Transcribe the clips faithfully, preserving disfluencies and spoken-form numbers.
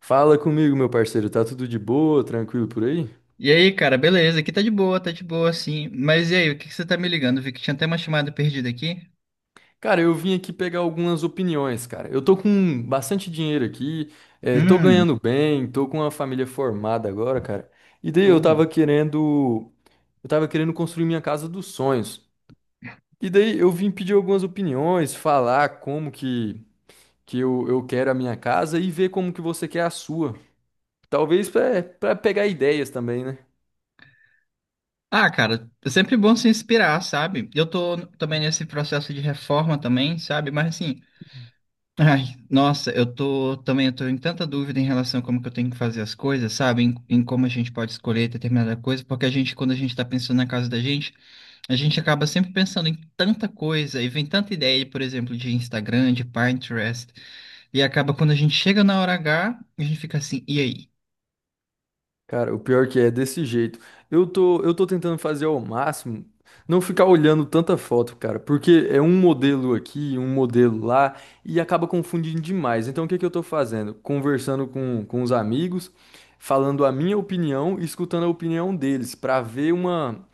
Fala comigo, meu parceiro. Tá tudo de boa, tranquilo por aí? E aí, cara, beleza? Aqui tá de boa, tá de boa, sim. Mas e aí, o que que você tá me ligando? Vi que tinha até uma chamada perdida aqui. Cara, eu vim aqui pegar algumas opiniões, cara. Eu tô com bastante dinheiro aqui, eh, tô Hum, ganhando bem, tô com uma família formada agora, cara. E daí eu porra. tava querendo, eu tava querendo construir minha casa dos sonhos. E daí eu vim pedir algumas opiniões, falar como que, que eu, eu quero a minha casa e ver como que você quer a sua. Talvez pra, pra pegar ideias também, né? Ah, cara, é sempre bom se inspirar, sabe? Eu tô também nesse processo de reforma também, sabe? Mas assim, ai, nossa, eu tô também, eu tô em tanta dúvida em relação a como que eu tenho que fazer as coisas, sabe? Em, em como a gente pode escolher determinada coisa, porque a gente, quando a gente tá pensando na casa da gente, a gente acaba sempre pensando em tanta coisa, e vem tanta ideia, por exemplo, de Instagram, de Pinterest. E acaba quando a gente chega na hora H, a gente fica assim, e aí? Cara, o pior que é é desse jeito. Eu tô, eu tô tentando fazer ao máximo não ficar olhando tanta foto, cara, porque é um modelo aqui, um modelo lá e acaba confundindo demais. Então, o que que eu tô fazendo? Conversando com, com os amigos, falando a minha opinião e escutando a opinião deles pra ver uma,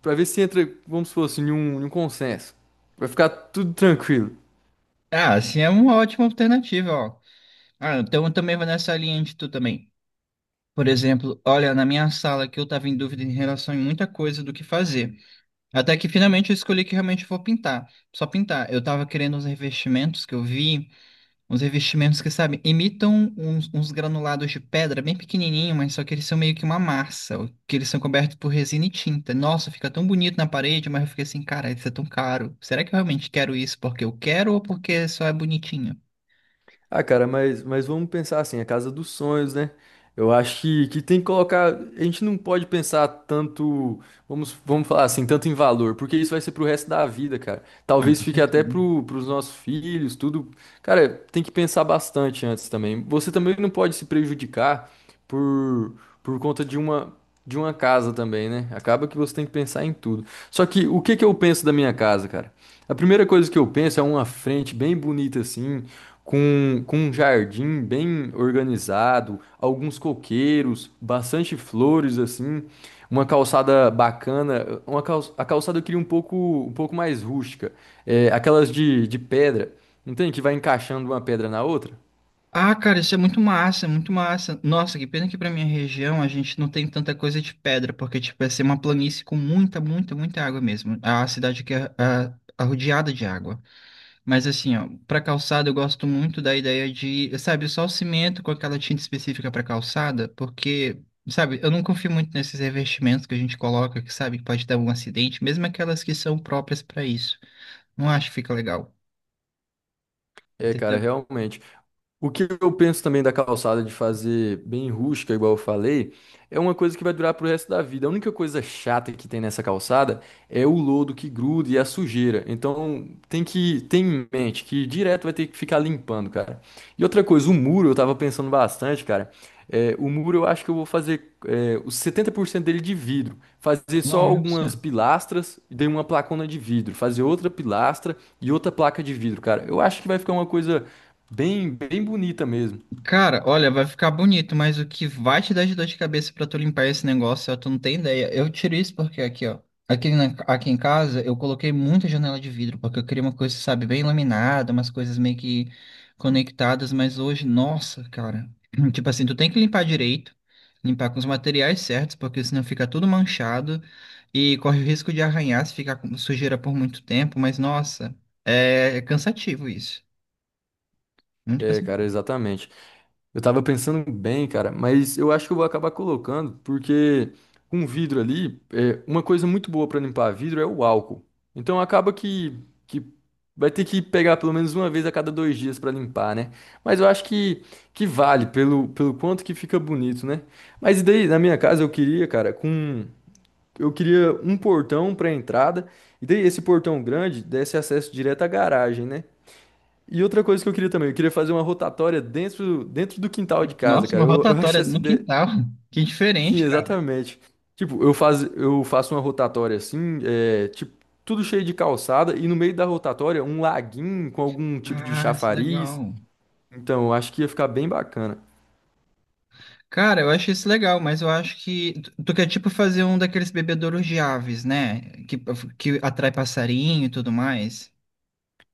para ver se entra, vamos supor assim, em um, em um consenso. Vai ficar tudo tranquilo. Ah, assim é uma ótima alternativa, ó. Ah, então eu também vou nessa linha de tu também. Por exemplo, olha, na minha sala que eu tava em dúvida em relação a muita coisa do que fazer. Até que finalmente eu escolhi que realmente eu vou pintar. Só pintar. Eu tava querendo uns revestimentos que eu vi. Uns revestimentos que, sabe, imitam uns, uns granulados de pedra bem pequenininho, mas só que eles são meio que uma massa, o- que eles são cobertos por resina e tinta. Nossa, fica tão bonito na parede, mas eu fiquei assim, cara, isso é tão caro. Será que eu realmente quero isso porque eu quero ou porque só é bonitinho? Ah, cara, mas, mas vamos pensar assim, a casa dos sonhos, né? Eu acho que, que tem que colocar. A gente não pode pensar tanto, vamos, vamos falar assim, tanto em valor, porque isso vai ser pro resto da vida, cara. Ah, Talvez com fique certeza. até pro, pros nossos filhos, tudo. Cara, tem que pensar bastante antes também. Você também não pode se prejudicar por, por conta de uma, de uma casa também, né? Acaba que você tem que pensar em tudo. Só que o que que eu penso da minha casa, cara? A primeira coisa que eu penso é uma frente bem bonita assim com, com um jardim bem organizado, alguns coqueiros, bastante flores assim, uma calçada bacana, uma calça, a calçada eu queria um pouco, um pouco mais rústica, é, aquelas de, de pedra, não tem que vai encaixando uma pedra na outra? Ah, cara, isso é muito massa, é muito massa. Nossa, que pena que pra minha região a gente não tem tanta coisa de pedra, porque, tipo, ia ser uma planície com muita, muita, muita água mesmo. A cidade que é ah, arrodeada de água. Mas assim, ó, para calçada eu gosto muito da ideia de, sabe, só o cimento com aquela tinta específica para calçada, porque, sabe, eu não confio muito nesses revestimentos que a gente coloca, que sabe que pode dar um acidente, mesmo aquelas que são próprias para isso. Não acho que fica legal. É, cara, Entendeu? realmente. O que eu penso também da calçada de fazer bem rústica, igual eu falei, é uma coisa que vai durar pro resto da vida. A única coisa chata que tem nessa calçada é o lodo que gruda e a sujeira. Então tem que ter em mente que direto vai ter que ficar limpando, cara. E outra coisa, o muro eu tava pensando bastante, cara. É, o muro eu acho que eu vou fazer é, os setenta por cento dele de vidro. Fazer só algumas Nossa. pilastras e daí uma placona de vidro. Fazer outra pilastra e outra placa de vidro, cara. Eu acho que vai ficar uma coisa bem, bem bonita mesmo. Cara, olha, vai ficar bonito, mas o que vai te dar de dor de cabeça pra tu limpar esse negócio, ó, tu não tem ideia. Eu tiro isso porque aqui, ó, aqui, na- aqui em casa eu coloquei muita janela de vidro, porque eu queria uma coisa, sabe, bem laminada, umas coisas meio que conectadas, mas hoje, nossa, cara, tipo assim, tu tem que limpar direito, limpar com os materiais certos, porque senão fica tudo manchado e corre o risco de arranhar se ficar com sujeira por muito tempo, mas nossa, é cansativo isso, muito. É, cara, exatamente. Eu tava pensando bem, cara, mas eu acho que eu vou acabar colocando, porque com vidro ali, é, uma coisa muito boa pra limpar vidro é o álcool. Então acaba que, que vai ter que pegar pelo menos uma vez a cada dois dias pra limpar, né? Mas eu acho que, que vale pelo, pelo quanto que fica bonito, né? Mas e daí, na minha casa, eu queria, cara, com. Eu queria um portão pra entrada, e daí esse portão grande desse acesso direto à garagem, né? E outra coisa que eu queria também, eu queria fazer uma rotatória dentro, dentro do quintal de casa, Nossa, uma cara. Eu, eu rotatória acho essa no ideia. quintal. Que Sim, diferente, cara. exatamente. Tipo, eu, faz, eu faço uma rotatória assim, é, tipo, tudo cheio de calçada, e no meio da rotatória, um laguinho com algum tipo de Ah, isso é chafariz. legal. Então, eu acho que ia ficar bem bacana. Cara, eu acho isso legal, mas eu acho que tu tu quer tipo fazer um daqueles bebedouros de aves, né? Que, que atrai passarinho e tudo mais.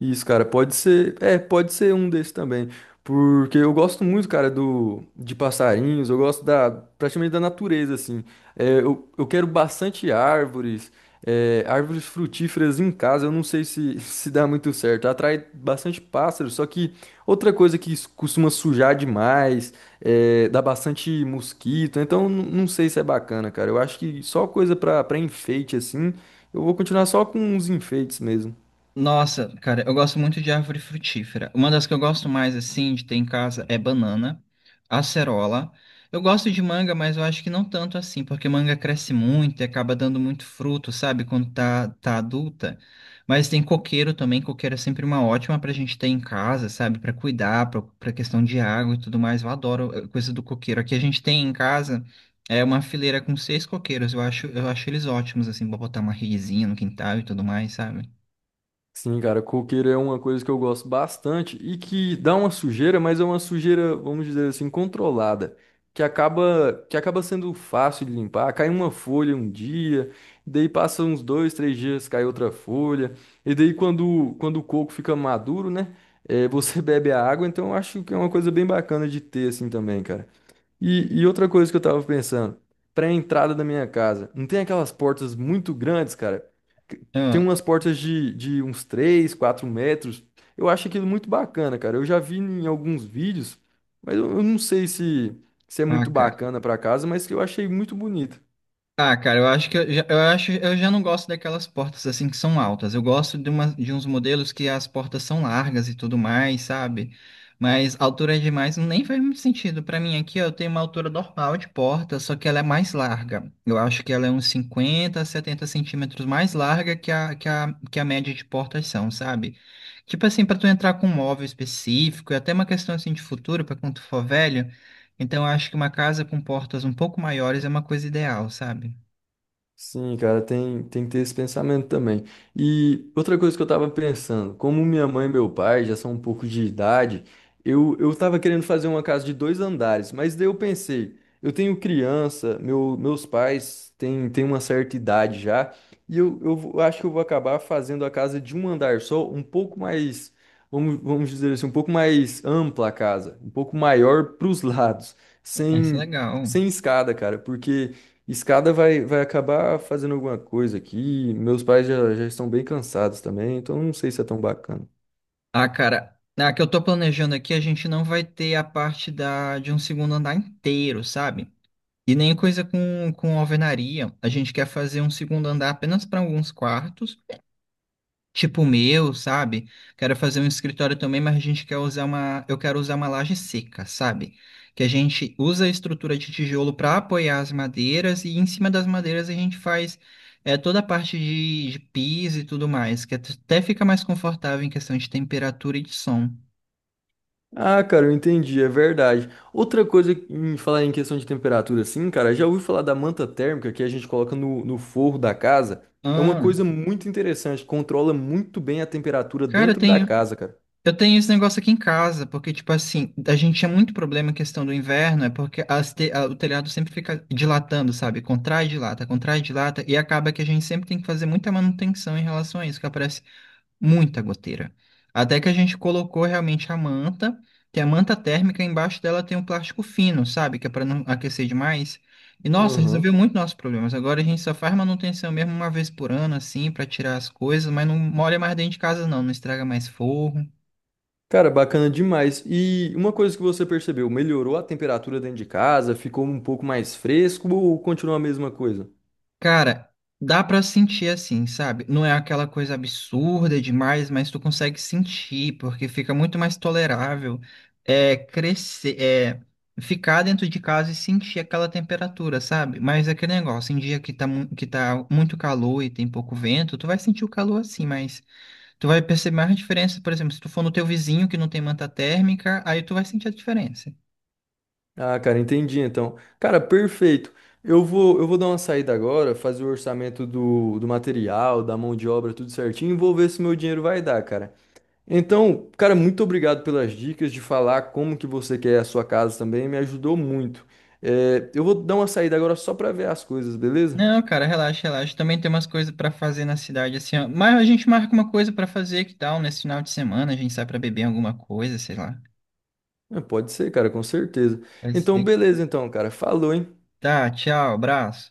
Isso, cara, pode ser, é, pode ser um desses também, porque eu gosto muito, cara, do de passarinhos, eu gosto da praticamente da natureza, assim. É, eu, eu quero bastante árvores, é, árvores frutíferas em casa. Eu não sei se se dá muito certo. Atrai bastante pássaros, só que outra coisa que s- costuma sujar demais, é, dá bastante mosquito. Então, n- não sei se é bacana, cara. Eu acho que só coisa pra para enfeite, assim. Eu vou continuar só com os enfeites mesmo. Nossa, cara, eu gosto muito de árvore frutífera. Uma das que eu gosto mais, assim, de ter em casa é banana, acerola. Eu gosto de manga, mas eu acho que não tanto assim, porque manga cresce muito e acaba dando muito fruto, sabe, quando tá, tá adulta. Mas tem coqueiro também, coqueiro é sempre uma ótima pra gente ter em casa, sabe, pra cuidar, pra, pra questão de água e tudo mais. Eu adoro eh, coisa do coqueiro. Aqui a gente tem em casa é uma fileira com seis coqueiros. Eu acho, eu acho eles ótimos, assim, pra botar uma redezinha no quintal e tudo mais, sabe? Sim, cara, coqueiro é uma coisa que eu gosto bastante e que dá uma sujeira, mas é uma sujeira, vamos dizer assim, controlada, que acaba que acaba sendo fácil de limpar. Cai uma folha um dia, daí passa uns dois, três dias, cai outra folha, e daí quando, quando o coco fica maduro, né, é, você bebe a água, então eu acho que é uma coisa bem bacana de ter assim também, cara. E, e outra coisa que eu tava pensando, pra entrada da minha casa, não tem aquelas portas muito grandes, cara? Que- Tem Ah, umas portas de, de uns três, quatro metros. Eu acho aquilo muito bacana, cara. Eu já vi em alguns vídeos, mas eu, eu não sei se, se é ah, muito cara. bacana pra casa, mas que eu achei muito bonito. Ah, cara, eu acho que eu já, eu acho, eu já não gosto daquelas portas assim que são altas. Eu gosto de, uma, de uns modelos que as portas são largas e tudo mais, sabe? Mas altura é demais nem faz muito sentido. Pra mim aqui, ó, eu tenho uma altura normal de porta, só que ela é mais larga. Eu acho que ela é uns cinquenta, setenta centímetros mais larga que a, que a, que a média de portas são, sabe? Tipo assim, pra tu entrar com um móvel específico, e até uma questão assim de futuro, pra quando tu for velho. Então, eu acho que uma casa com portas um pouco maiores é uma coisa ideal, sabe? Sim, cara, tem, tem que ter esse pensamento também. E outra coisa que eu tava pensando, como minha mãe e meu pai já são um pouco de idade, eu, eu tava querendo fazer uma casa de dois andares, mas daí eu pensei, eu tenho criança, meu, meus pais têm, têm uma certa idade já, e eu, eu vou- acho que eu vou acabar fazendo a casa de um andar só, um pouco mais, vamos, vamos dizer assim, um pouco mais ampla a casa, um pouco maior pros lados, Isso é sem, legal. sem escada, cara, porque. Escada vai, vai acabar fazendo alguma coisa aqui. Meus pais já, já estão bem cansados também, então não sei se é tão bacana. Ah, cara, na que eu tô planejando aqui, a gente não vai ter a parte da, de um segundo andar inteiro, sabe? E nem coisa com, com alvenaria. A gente quer fazer um segundo andar apenas para alguns quartos tipo o meu, sabe? Quero fazer um escritório também, mas a gente quer usar uma, eu quero usar uma laje seca, sabe? Que a gente usa a estrutura de tijolo para apoiar as madeiras e em cima das madeiras a gente faz é, toda a parte de, de piso e tudo mais, que até fica mais confortável em questão de temperatura e de som. Ah, cara, eu entendi, é verdade. Outra coisa em falar em questão de temperatura, assim, cara, já ouvi falar da manta térmica que a gente coloca no, no forro da casa. É uma Ah, coisa muito interessante, controla muito bem a temperatura cara, dentro da tem. casa, cara. Eu tenho esse negócio aqui em casa, porque, tipo assim, a gente tinha muito problema em questão do inverno, é porque as te- a- o telhado sempre fica dilatando, sabe? Contrai, dilata, contrai, dilata, e acaba que a gente sempre tem que fazer muita manutenção em relação a isso, que aparece muita goteira. Até que a gente colocou realmente a manta, tem a manta térmica, embaixo dela tem um plástico fino, sabe? Que é para não aquecer demais. E, nossa, resolveu Aham. muito nossos problemas. Agora a gente só faz manutenção mesmo uma vez por ano, assim, para tirar as coisas, mas não molha mais dentro de casa, não, não estraga mais forro. Cara, bacana demais. E uma coisa que você percebeu, melhorou a temperatura dentro de casa? Ficou um pouco mais fresco ou continua a mesma coisa? Cara, dá pra sentir assim, sabe? Não é aquela coisa absurda demais, mas tu consegue sentir, porque fica muito mais tolerável é crescer, é ficar dentro de casa e sentir aquela temperatura, sabe? Mas é aquele negócio, em dia que tá, mu- que tá muito calor e tem pouco vento, tu vai sentir o calor assim, mas tu vai perceber mais a diferença, por exemplo, se tu for no teu vizinho que não tem manta térmica, aí tu vai sentir a diferença. Ah, cara, entendi então. Cara, perfeito. Eu vou, eu vou dar uma saída agora, fazer o orçamento do, do material, da mão de obra, tudo certinho, e vou ver se meu dinheiro vai dar, cara. Então, cara, muito obrigado pelas dicas de falar como que você quer a sua casa também, me ajudou muito. É, eu vou dar uma saída agora só pra ver as coisas, beleza? Não, cara, relaxa, relaxa. Também tem umas coisas pra fazer na cidade, assim, ó. Mas a gente marca uma coisa pra fazer, que tal? Nesse final de semana a gente sai pra beber alguma coisa, sei lá. É, pode ser, cara, com certeza. Vai Então, ser. beleza então, cara. Falou, hein? Tá, tchau, abraço.